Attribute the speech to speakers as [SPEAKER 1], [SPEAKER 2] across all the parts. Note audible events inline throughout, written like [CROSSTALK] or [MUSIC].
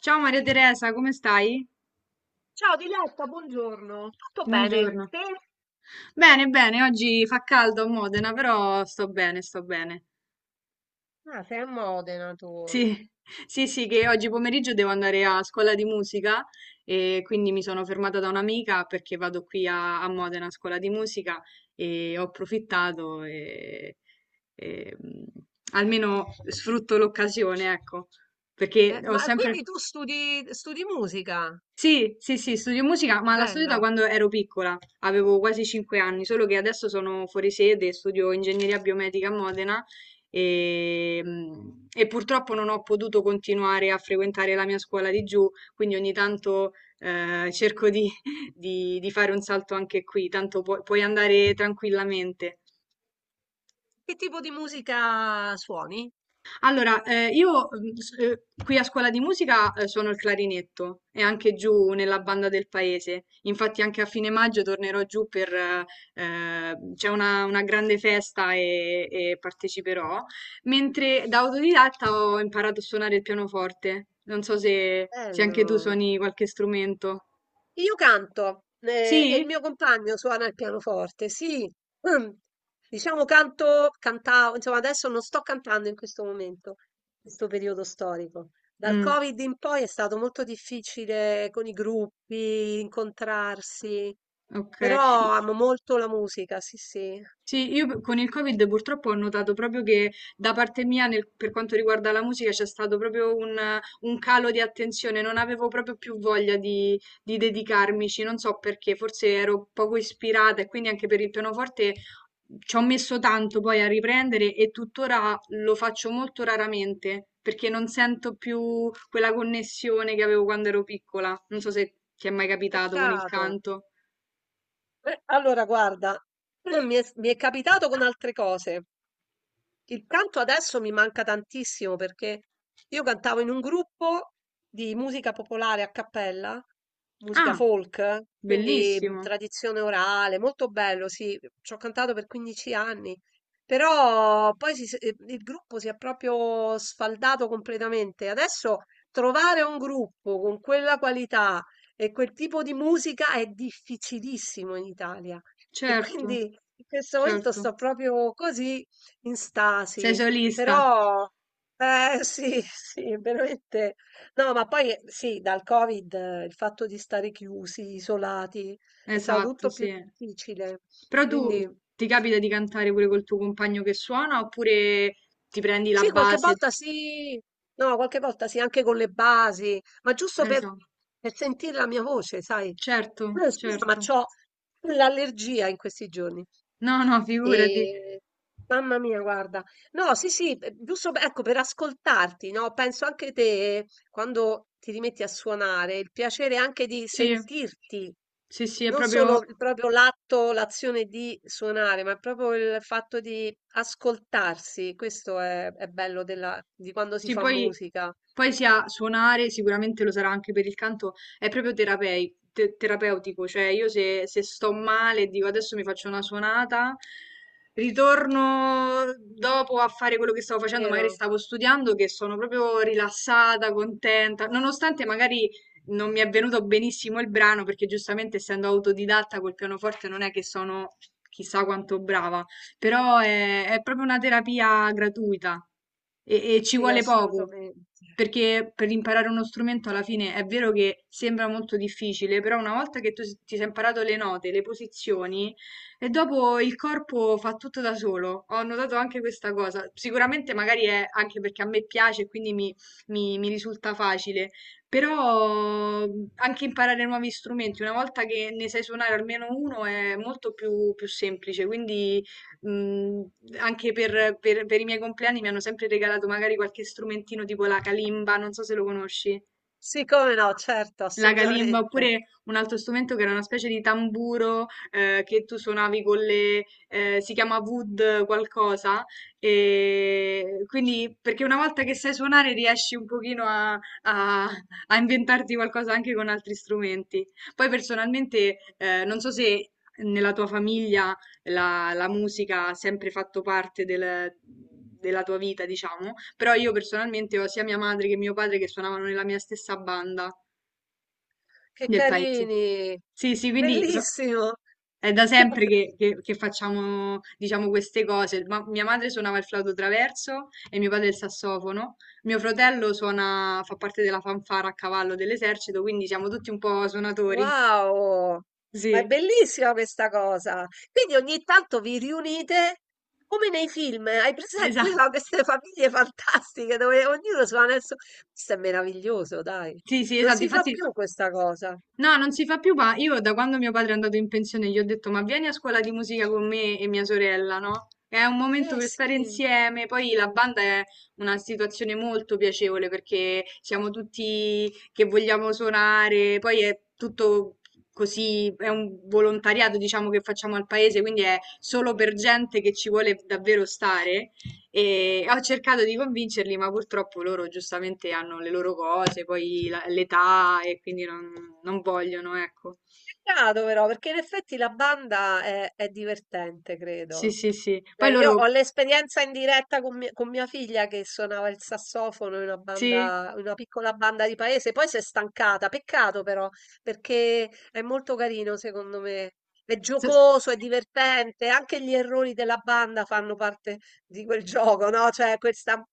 [SPEAKER 1] Ciao Maria Teresa, come stai?
[SPEAKER 2] Ciao Diletta, buongiorno. Tutto bene?
[SPEAKER 1] Buongiorno.
[SPEAKER 2] Te?
[SPEAKER 1] Bene, bene, oggi fa caldo a Modena, però sto bene, sto bene.
[SPEAKER 2] Ah, sei a Modena
[SPEAKER 1] Sì,
[SPEAKER 2] tu.
[SPEAKER 1] [LAUGHS] sì, sì, che oggi pomeriggio devo andare a scuola di musica e quindi mi sono fermata da un'amica perché vado qui a Modena a scuola di musica e ho approfittato e, e, mm, almeno sfrutto l'occasione, ecco, perché ho
[SPEAKER 2] Ma
[SPEAKER 1] sempre...
[SPEAKER 2] quindi tu studi, musica?
[SPEAKER 1] Sì, sì, sì, studio musica, ma la studio da
[SPEAKER 2] Bello.
[SPEAKER 1] quando ero piccola, avevo quasi 5 anni, solo che adesso sono fuori sede, studio ingegneria biomedica a Modena e, mm, e purtroppo non ho potuto continuare a frequentare la mia scuola di giù, quindi ogni tanto cerco di, [LAUGHS] di fare un salto anche qui, tanto puoi andare tranquillamente.
[SPEAKER 2] Che tipo di musica suoni?
[SPEAKER 1] Allora, io qui a scuola di musica suono il clarinetto e anche giù nella banda del paese. Infatti anche a fine maggio tornerò giù per... c'è una grande festa e parteciperò. Mentre da autodidatta ho imparato a suonare il pianoforte. Non so se anche tu
[SPEAKER 2] Bello.
[SPEAKER 1] suoni qualche strumento.
[SPEAKER 2] Io canto, e il
[SPEAKER 1] Sì?
[SPEAKER 2] mio compagno suona il pianoforte, sì. [CLEARS THROAT] Mm. Diciamo canto, cantavo, insomma adesso non sto cantando in questo momento, in questo periodo storico. Dal
[SPEAKER 1] Mm,
[SPEAKER 2] Covid in poi è stato molto difficile con i gruppi, incontrarsi,
[SPEAKER 1] ok.
[SPEAKER 2] però amo molto la musica, sì, sì.
[SPEAKER 1] Sì, io con il Covid purtroppo ho notato proprio che da parte mia, per quanto riguarda la musica, c'è stato proprio un calo di attenzione, non avevo proprio più voglia di dedicarmici, non so perché, forse ero poco ispirata e quindi anche per il pianoforte ci ho messo tanto poi a riprendere e tuttora lo faccio molto raramente perché non sento più quella connessione che avevo quando ero piccola. Non so se ti è mai capitato con il
[SPEAKER 2] Peccato.
[SPEAKER 1] canto.
[SPEAKER 2] Allora, guarda, [CLEARS THROAT] mi è capitato con altre cose. Il canto adesso mi manca tantissimo perché io cantavo in un gruppo di musica popolare a cappella, musica
[SPEAKER 1] Ah,
[SPEAKER 2] folk, quindi
[SPEAKER 1] bellissimo,
[SPEAKER 2] tradizione orale, molto bello, sì, ci ho cantato per 15 anni, però poi il gruppo si è proprio sfaldato completamente. Adesso trovare un gruppo con quella qualità e quel tipo di musica è difficilissimo in Italia e quindi
[SPEAKER 1] certo.
[SPEAKER 2] in questo momento
[SPEAKER 1] Certo,
[SPEAKER 2] sto proprio così in
[SPEAKER 1] sei
[SPEAKER 2] stasi,
[SPEAKER 1] solista.
[SPEAKER 2] però eh sì, [LAUGHS] sì, veramente. No, ma poi sì, dal Covid il fatto di stare chiusi, isolati, è stato
[SPEAKER 1] Esatto,
[SPEAKER 2] tutto più
[SPEAKER 1] sì.
[SPEAKER 2] difficile.
[SPEAKER 1] Però tu
[SPEAKER 2] Quindi
[SPEAKER 1] ti capita di cantare pure col tuo compagno che suona oppure ti prendi la
[SPEAKER 2] sì, qualche
[SPEAKER 1] base?
[SPEAKER 2] volta sì, no, qualche volta sì, anche con le basi, ma giusto
[SPEAKER 1] Esatto,
[SPEAKER 2] per sentire la mia voce, sai.
[SPEAKER 1] certo,
[SPEAKER 2] Scusa, ma
[SPEAKER 1] certo.
[SPEAKER 2] c'ho l'allergia in questi giorni.
[SPEAKER 1] No, no, figurati.
[SPEAKER 2] Ehm, Mamma mia guarda. No, sì, sì, p giusto p ecco per ascoltarti, no, penso anche te quando ti rimetti a suonare, il piacere anche di
[SPEAKER 1] Sì,
[SPEAKER 2] sentirti,
[SPEAKER 1] sì, sì, è
[SPEAKER 2] non
[SPEAKER 1] proprio...
[SPEAKER 2] solo il proprio l'atto l'azione di suonare, ma proprio il fatto di ascoltarsi. Questo è bello della di quando si
[SPEAKER 1] Sì,
[SPEAKER 2] fa
[SPEAKER 1] poi,
[SPEAKER 2] musica,
[SPEAKER 1] poi sia suonare, sicuramente lo sarà anche per il canto, è proprio terapeutico, cioè io se, se sto male e dico adesso mi faccio una suonata, ritorno dopo a fare quello che stavo facendo, magari
[SPEAKER 2] vero?
[SPEAKER 1] stavo studiando, che sono proprio rilassata, contenta, nonostante magari non mi è venuto benissimo il brano, perché giustamente essendo autodidatta col pianoforte non è che sono chissà quanto brava però è proprio una terapia gratuita e ci
[SPEAKER 2] Sì,
[SPEAKER 1] vuole poco,
[SPEAKER 2] assolutamente.
[SPEAKER 1] perché per imparare uno strumento alla fine è vero che sembra molto difficile, però una volta che tu ti sei imparato le note, le posizioni, e dopo il corpo fa tutto da solo. Ho notato anche questa cosa. Sicuramente magari è anche perché a me piace e quindi mi risulta facile. Però anche imparare nuovi strumenti, una volta che ne sai suonare almeno uno, è molto più, più semplice. Quindi mh, anche per i miei compleanni mi hanno sempre regalato magari qualche strumentino tipo la kalimba, non so se lo conosci.
[SPEAKER 2] Sì, come no, certo,
[SPEAKER 1] La kalimba,
[SPEAKER 2] assolutamente.
[SPEAKER 1] oppure un altro strumento che era una specie di tamburo che tu suonavi con le... si chiama wood qualcosa, e quindi perché una volta che sai suonare riesci un pochino a- a inventarti qualcosa anche con altri strumenti. Poi personalmente non so se nella tua famiglia la musica ha sempre fatto parte della tua vita, diciamo, però io personalmente ho sia mia madre che mio padre che suonavano nella mia stessa banda
[SPEAKER 2] Che
[SPEAKER 1] del paese.
[SPEAKER 2] carini!
[SPEAKER 1] Sì, sì, quindi
[SPEAKER 2] Bellissimo!
[SPEAKER 1] è da sempre
[SPEAKER 2] [LAUGHS]
[SPEAKER 1] che facciamo, diciamo, queste cose. Ma mia madre suonava il flauto traverso e mio padre il sassofono. Mio fratello suona, fa parte della fanfara a cavallo dell'esercito, quindi siamo tutti un po' suonatori.
[SPEAKER 2] Wow! Ma è
[SPEAKER 1] Sì,
[SPEAKER 2] bellissima questa cosa. Quindi ogni tanto vi riunite come nei film. Hai presente no,
[SPEAKER 1] esatto.
[SPEAKER 2] queste famiglie fantastiche dove ognuno suona il suo... Questo è meraviglioso, dai.
[SPEAKER 1] Sì, sì,
[SPEAKER 2] Non
[SPEAKER 1] esatto,
[SPEAKER 2] si fa
[SPEAKER 1] infatti.
[SPEAKER 2] più questa cosa.
[SPEAKER 1] No, non si fa più, ma io da quando mio padre è andato in pensione gli ho detto ma vieni a scuola di musica con me e mia sorella, no? È un momento
[SPEAKER 2] Eh
[SPEAKER 1] per stare
[SPEAKER 2] sì.
[SPEAKER 1] insieme, poi la banda è una situazione molto piacevole perché siamo tutti che vogliamo suonare, poi è tutto così, è un volontariato diciamo che facciamo al paese, quindi è solo per gente che ci vuole davvero stare e ho cercato di convincerli, ma purtroppo loro giustamente hanno le loro cose, poi l'età e quindi non, non vogliono, ecco.
[SPEAKER 2] Peccato però, perché in effetti la banda è divertente,
[SPEAKER 1] Sì,
[SPEAKER 2] credo.
[SPEAKER 1] sì, sì. Poi
[SPEAKER 2] Beh, io
[SPEAKER 1] loro,
[SPEAKER 2] ho l'esperienza in diretta con mia figlia che suonava il sassofono in una
[SPEAKER 1] sì,
[SPEAKER 2] banda, in una piccola banda di paese, poi si è stancata, peccato però, perché è molto carino secondo me, è
[SPEAKER 1] so-.
[SPEAKER 2] giocoso, è divertente, anche gli errori della banda fanno parte di quel [LAUGHS] gioco, no? Cioè questa a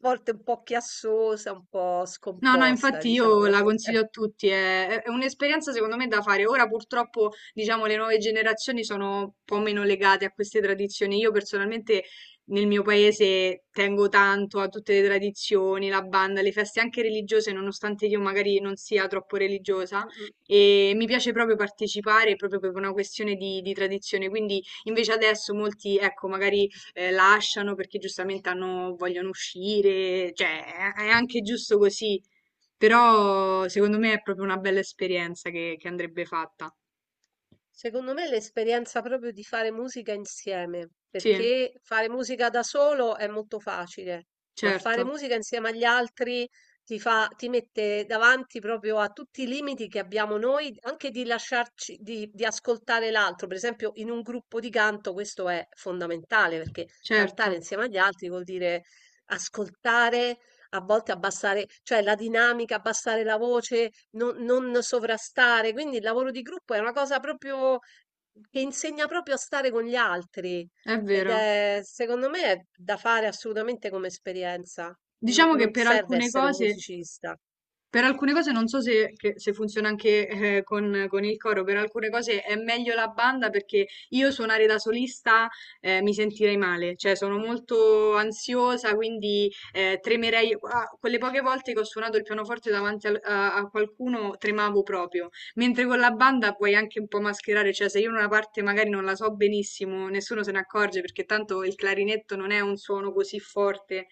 [SPEAKER 2] volte un po' chiassosa, un po'
[SPEAKER 1] No, no,
[SPEAKER 2] scomposta,
[SPEAKER 1] infatti
[SPEAKER 2] diciamo.
[SPEAKER 1] io la consiglio
[SPEAKER 2] [LAUGHS]
[SPEAKER 1] a tutti, è, è un'esperienza secondo me da fare. Ora purtroppo, diciamo, le nuove generazioni sono un po' meno legate a queste tradizioni. Io personalmente nel mio paese tengo tanto a tutte le tradizioni, la banda, le feste anche religiose, nonostante io magari non sia troppo religiosa.
[SPEAKER 2] Mm, mm.
[SPEAKER 1] E mi piace proprio partecipare proprio per una questione di tradizione. Quindi invece adesso molti, ecco, magari lasciano perché giustamente vogliono uscire, cioè è anche giusto così. Però secondo me è proprio una bella esperienza che andrebbe fatta.
[SPEAKER 2] Secondo me è l'esperienza proprio di fare musica insieme,
[SPEAKER 1] Sì,
[SPEAKER 2] perché fare musica da solo è molto facile, ma fare
[SPEAKER 1] certo,
[SPEAKER 2] musica insieme agli altri ti fa, ti mette davanti proprio a tutti i limiti che abbiamo noi, anche di lasciarci, di ascoltare l'altro. Per esempio, in un gruppo di canto questo è fondamentale, perché cantare
[SPEAKER 1] certo,
[SPEAKER 2] insieme agli altri vuol dire ascoltare a volte abbassare, cioè la dinamica, abbassare la voce, non sovrastare. Quindi il lavoro di gruppo è una cosa proprio che insegna proprio a stare con gli altri.
[SPEAKER 1] è
[SPEAKER 2] Ed
[SPEAKER 1] vero.
[SPEAKER 2] è, secondo me, è da fare assolutamente come esperienza.
[SPEAKER 1] Diciamo che
[SPEAKER 2] Non
[SPEAKER 1] per
[SPEAKER 2] serve
[SPEAKER 1] alcune
[SPEAKER 2] essere un
[SPEAKER 1] cose.
[SPEAKER 2] musicista.
[SPEAKER 1] Per alcune cose non so se funziona anche con il coro, per alcune cose è meglio la banda perché io suonare da solista mi sentirei male, cioè sono molto ansiosa, quindi tremerei. Ah, quelle poche volte che ho suonato il pianoforte davanti a, a qualcuno tremavo proprio, mentre con la banda puoi anche un po' mascherare, cioè se io una parte magari non la so benissimo, nessuno se ne accorge perché tanto il clarinetto non è un suono così forte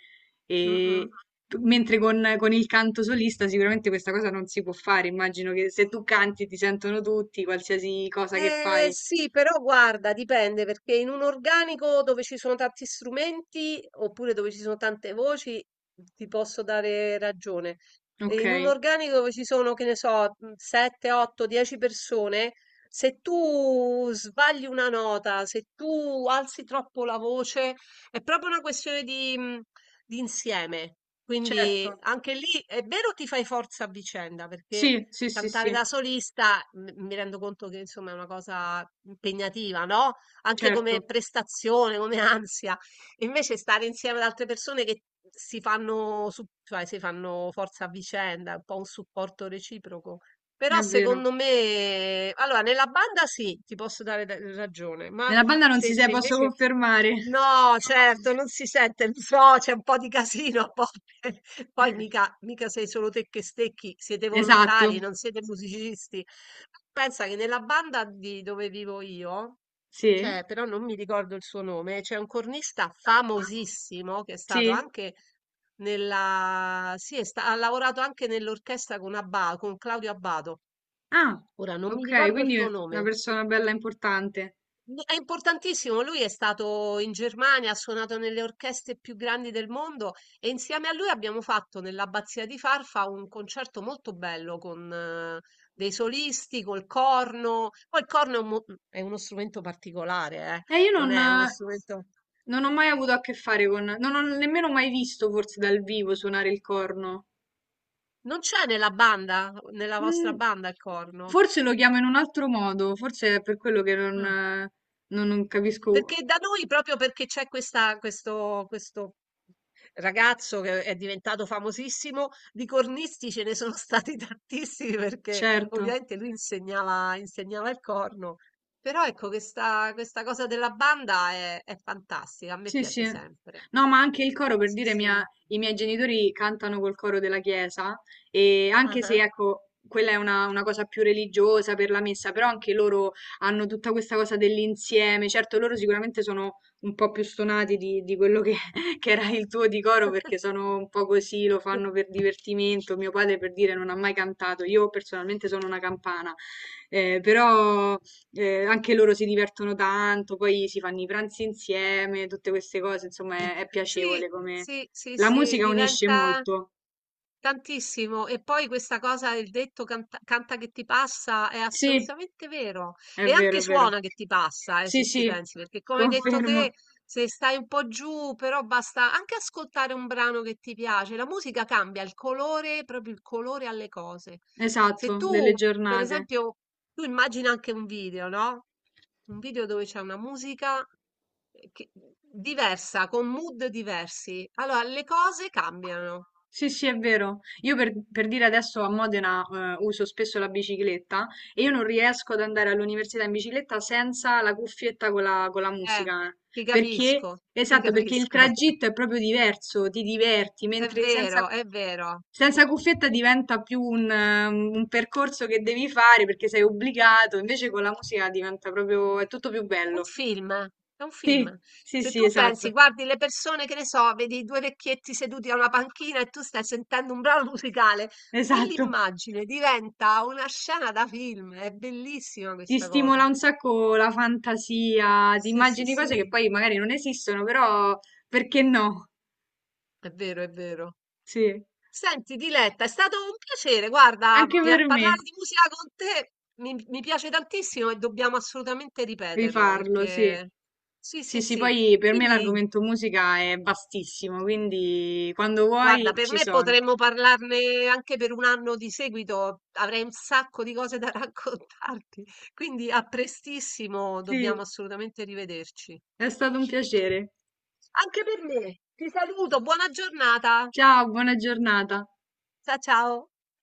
[SPEAKER 2] Mm,
[SPEAKER 1] e
[SPEAKER 2] mm.
[SPEAKER 1] mentre con il canto solista sicuramente questa cosa non si può fare. Immagino che se tu canti ti sentono tutti, qualsiasi cosa che fai.
[SPEAKER 2] Sì, però guarda, dipende perché in un organico dove ci sono tanti strumenti oppure dove ci sono tante voci ti posso dare ragione. E
[SPEAKER 1] Ok,
[SPEAKER 2] in un organico dove ci sono, che ne so, 7, 8, 10 persone, se tu sbagli una nota, se tu alzi troppo la voce, è proprio una questione di, mm, di insieme. Quindi
[SPEAKER 1] certo.
[SPEAKER 2] anche lì è vero ti fai forza a vicenda perché
[SPEAKER 1] Sì, sì, sì,
[SPEAKER 2] cantare
[SPEAKER 1] sì,
[SPEAKER 2] da solista mi rendo conto che insomma è una cosa impegnativa, no? Anche come
[SPEAKER 1] certo,
[SPEAKER 2] prestazione, come [LAUGHS] ansia. Invece stare insieme ad altre persone che si fanno, cioè, si fanno forza a vicenda, un po' un supporto reciproco.
[SPEAKER 1] è
[SPEAKER 2] Però
[SPEAKER 1] vero.
[SPEAKER 2] secondo me, allora, nella banda sì, ti posso dare ragione, ma
[SPEAKER 1] Nella banda non si sa,
[SPEAKER 2] se
[SPEAKER 1] posso
[SPEAKER 2] invece
[SPEAKER 1] confermare.
[SPEAKER 2] no, certo, non si sente il so, c'è un po' di casino a volte. [LAUGHS] Poi
[SPEAKER 1] [LAUGHS]
[SPEAKER 2] mica sei solo te che stecchi, siete
[SPEAKER 1] Esatto.
[SPEAKER 2] volontari, non siete musicisti. Pensa che nella banda di dove vivo io,
[SPEAKER 1] Sì.
[SPEAKER 2] cioè, però non mi ricordo il suo nome, c'è un cornista famosissimo che è stato
[SPEAKER 1] Sì.
[SPEAKER 2] anche nella, sì, ha lavorato anche nell'orchestra con con Claudio Abbado.
[SPEAKER 1] Ah,
[SPEAKER 2] Ora non mi
[SPEAKER 1] ok,
[SPEAKER 2] ricordo il
[SPEAKER 1] quindi
[SPEAKER 2] suo
[SPEAKER 1] una
[SPEAKER 2] nome.
[SPEAKER 1] persona bella importante.
[SPEAKER 2] No, è importantissimo, lui è stato in Germania, ha suonato nelle orchestre più grandi del mondo e insieme a lui abbiamo fatto nell'Abbazia di Farfa un concerto molto bello con dei solisti, col corno. Poi il corno è, è uno strumento particolare,
[SPEAKER 1] Io
[SPEAKER 2] non
[SPEAKER 1] non,
[SPEAKER 2] è uno strumento...
[SPEAKER 1] non ho mai avuto a che fare con, non ho nemmeno mai visto forse dal vivo suonare il corno.
[SPEAKER 2] Non c'è nella banda, nella vostra
[SPEAKER 1] Mm,
[SPEAKER 2] banda il corno?
[SPEAKER 1] forse lo chiamo in un altro modo, forse è per quello che non,
[SPEAKER 2] Ah.
[SPEAKER 1] non capisco,
[SPEAKER 2] Perché da noi proprio perché c'è questa questo ragazzo che è diventato famosissimo, di cornisti ce ne sono stati [LAUGHS] tantissimi perché
[SPEAKER 1] certo.
[SPEAKER 2] ovviamente lui insegnava il corno. Però ecco questa cosa della banda è fantastica, a me
[SPEAKER 1] Sì, sì.
[SPEAKER 2] piace sempre.
[SPEAKER 1] No, ma anche il coro, per
[SPEAKER 2] Sì,
[SPEAKER 1] dire,
[SPEAKER 2] sì.
[SPEAKER 1] i miei genitori cantano col coro della chiesa e anche se,
[SPEAKER 2] Ah-ah.
[SPEAKER 1] ecco, quella è una cosa più religiosa per la messa, però anche loro hanno tutta questa cosa dell'insieme. Certo, loro sicuramente sono un po' più stonati di quello che, [LAUGHS] che era il tuo di coro perché
[SPEAKER 2] [LAUGHS]
[SPEAKER 1] sono un po' così, lo fanno per divertimento. Mio padre, per dire, non ha mai cantato. Io personalmente sono una campana, però... anche loro si divertono tanto, poi si fanno i pranzi insieme, tutte queste cose, insomma, è
[SPEAKER 2] Sì,
[SPEAKER 1] piacevole come...
[SPEAKER 2] sì, sì,
[SPEAKER 1] La
[SPEAKER 2] sì,
[SPEAKER 1] musica unisce
[SPEAKER 2] diventa
[SPEAKER 1] molto.
[SPEAKER 2] tantissimo. E poi questa cosa, il detto canta, canta che ti passa, è
[SPEAKER 1] Sì,
[SPEAKER 2] assolutamente vero.
[SPEAKER 1] è
[SPEAKER 2] E
[SPEAKER 1] vero,
[SPEAKER 2] anche
[SPEAKER 1] è vero.
[SPEAKER 2] suona che ti passa,
[SPEAKER 1] Sì,
[SPEAKER 2] se ci
[SPEAKER 1] sì,
[SPEAKER 2] pensi, perché come hai detto
[SPEAKER 1] confermo.
[SPEAKER 2] te, se stai un po' giù, però basta anche ascoltare un brano che ti piace. La musica cambia il colore, proprio il colore alle cose. Se
[SPEAKER 1] Esatto, delle
[SPEAKER 2] tu, per
[SPEAKER 1] giornate.
[SPEAKER 2] esempio, tu immagina anche un video, no? Un video dove c'è una musica. Che diversa, con mood diversi. Allora, le cose cambiano.
[SPEAKER 1] Sì, sì, è vero. Io per dire adesso a Modena uso spesso la bicicletta e io non riesco ad andare all'università in bicicletta senza la cuffietta con la
[SPEAKER 2] Eh,
[SPEAKER 1] musica. Eh. Perché,
[SPEAKER 2] ti
[SPEAKER 1] esatto, perché il
[SPEAKER 2] capisco. [LAUGHS]
[SPEAKER 1] tragitto è proprio diverso, ti diverti,
[SPEAKER 2] È
[SPEAKER 1] mentre senza,
[SPEAKER 2] vero, è vero.
[SPEAKER 1] senza cuffietta diventa più un percorso che devi fare perché sei obbligato, invece con la musica diventa proprio, è tutto più
[SPEAKER 2] Un
[SPEAKER 1] bello.
[SPEAKER 2] film, è un
[SPEAKER 1] Sì,
[SPEAKER 2] film.
[SPEAKER 1] sì,
[SPEAKER 2] Se
[SPEAKER 1] sì,
[SPEAKER 2] tu pensi,
[SPEAKER 1] esatto,
[SPEAKER 2] guardi le persone, che ne so, vedi due vecchietti seduti a una panchina e tu stai sentendo un brano [LAUGHS] musicale,
[SPEAKER 1] esatto.
[SPEAKER 2] quell'immagine diventa una scena da film. È bellissima
[SPEAKER 1] Ti
[SPEAKER 2] questa cosa.
[SPEAKER 1] stimola un sacco la fantasia, ti
[SPEAKER 2] Sì, sì,
[SPEAKER 1] immagini cose che
[SPEAKER 2] sì.
[SPEAKER 1] poi magari non esistono, però perché no?
[SPEAKER 2] È vero, è vero.
[SPEAKER 1] Sì,
[SPEAKER 2] Senti, Diletta, è stato un piacere, guarda,
[SPEAKER 1] anche per me
[SPEAKER 2] parlare di musica con te mi piace tantissimo e dobbiamo assolutamente ripeterlo
[SPEAKER 1] rifarlo, sì.
[SPEAKER 2] perché sì,
[SPEAKER 1] Sì,
[SPEAKER 2] sì,
[SPEAKER 1] sì,
[SPEAKER 2] sì.
[SPEAKER 1] poi per me
[SPEAKER 2] Quindi,
[SPEAKER 1] l'argomento musica è vastissimo, quindi quando vuoi
[SPEAKER 2] guarda, per
[SPEAKER 1] ci
[SPEAKER 2] me
[SPEAKER 1] sono.
[SPEAKER 2] potremmo parlarne anche per un anno di seguito, avrei un sacco di cose da [LAUGHS] raccontarti. Quindi, a prestissimo, dobbiamo
[SPEAKER 1] Sì,
[SPEAKER 2] assolutamente rivederci.
[SPEAKER 1] è stato un piacere.
[SPEAKER 2] Anche per me. Ti saluto, buona giornata.
[SPEAKER 1] Ciao, buona giornata.
[SPEAKER 2] Ciao, ciao.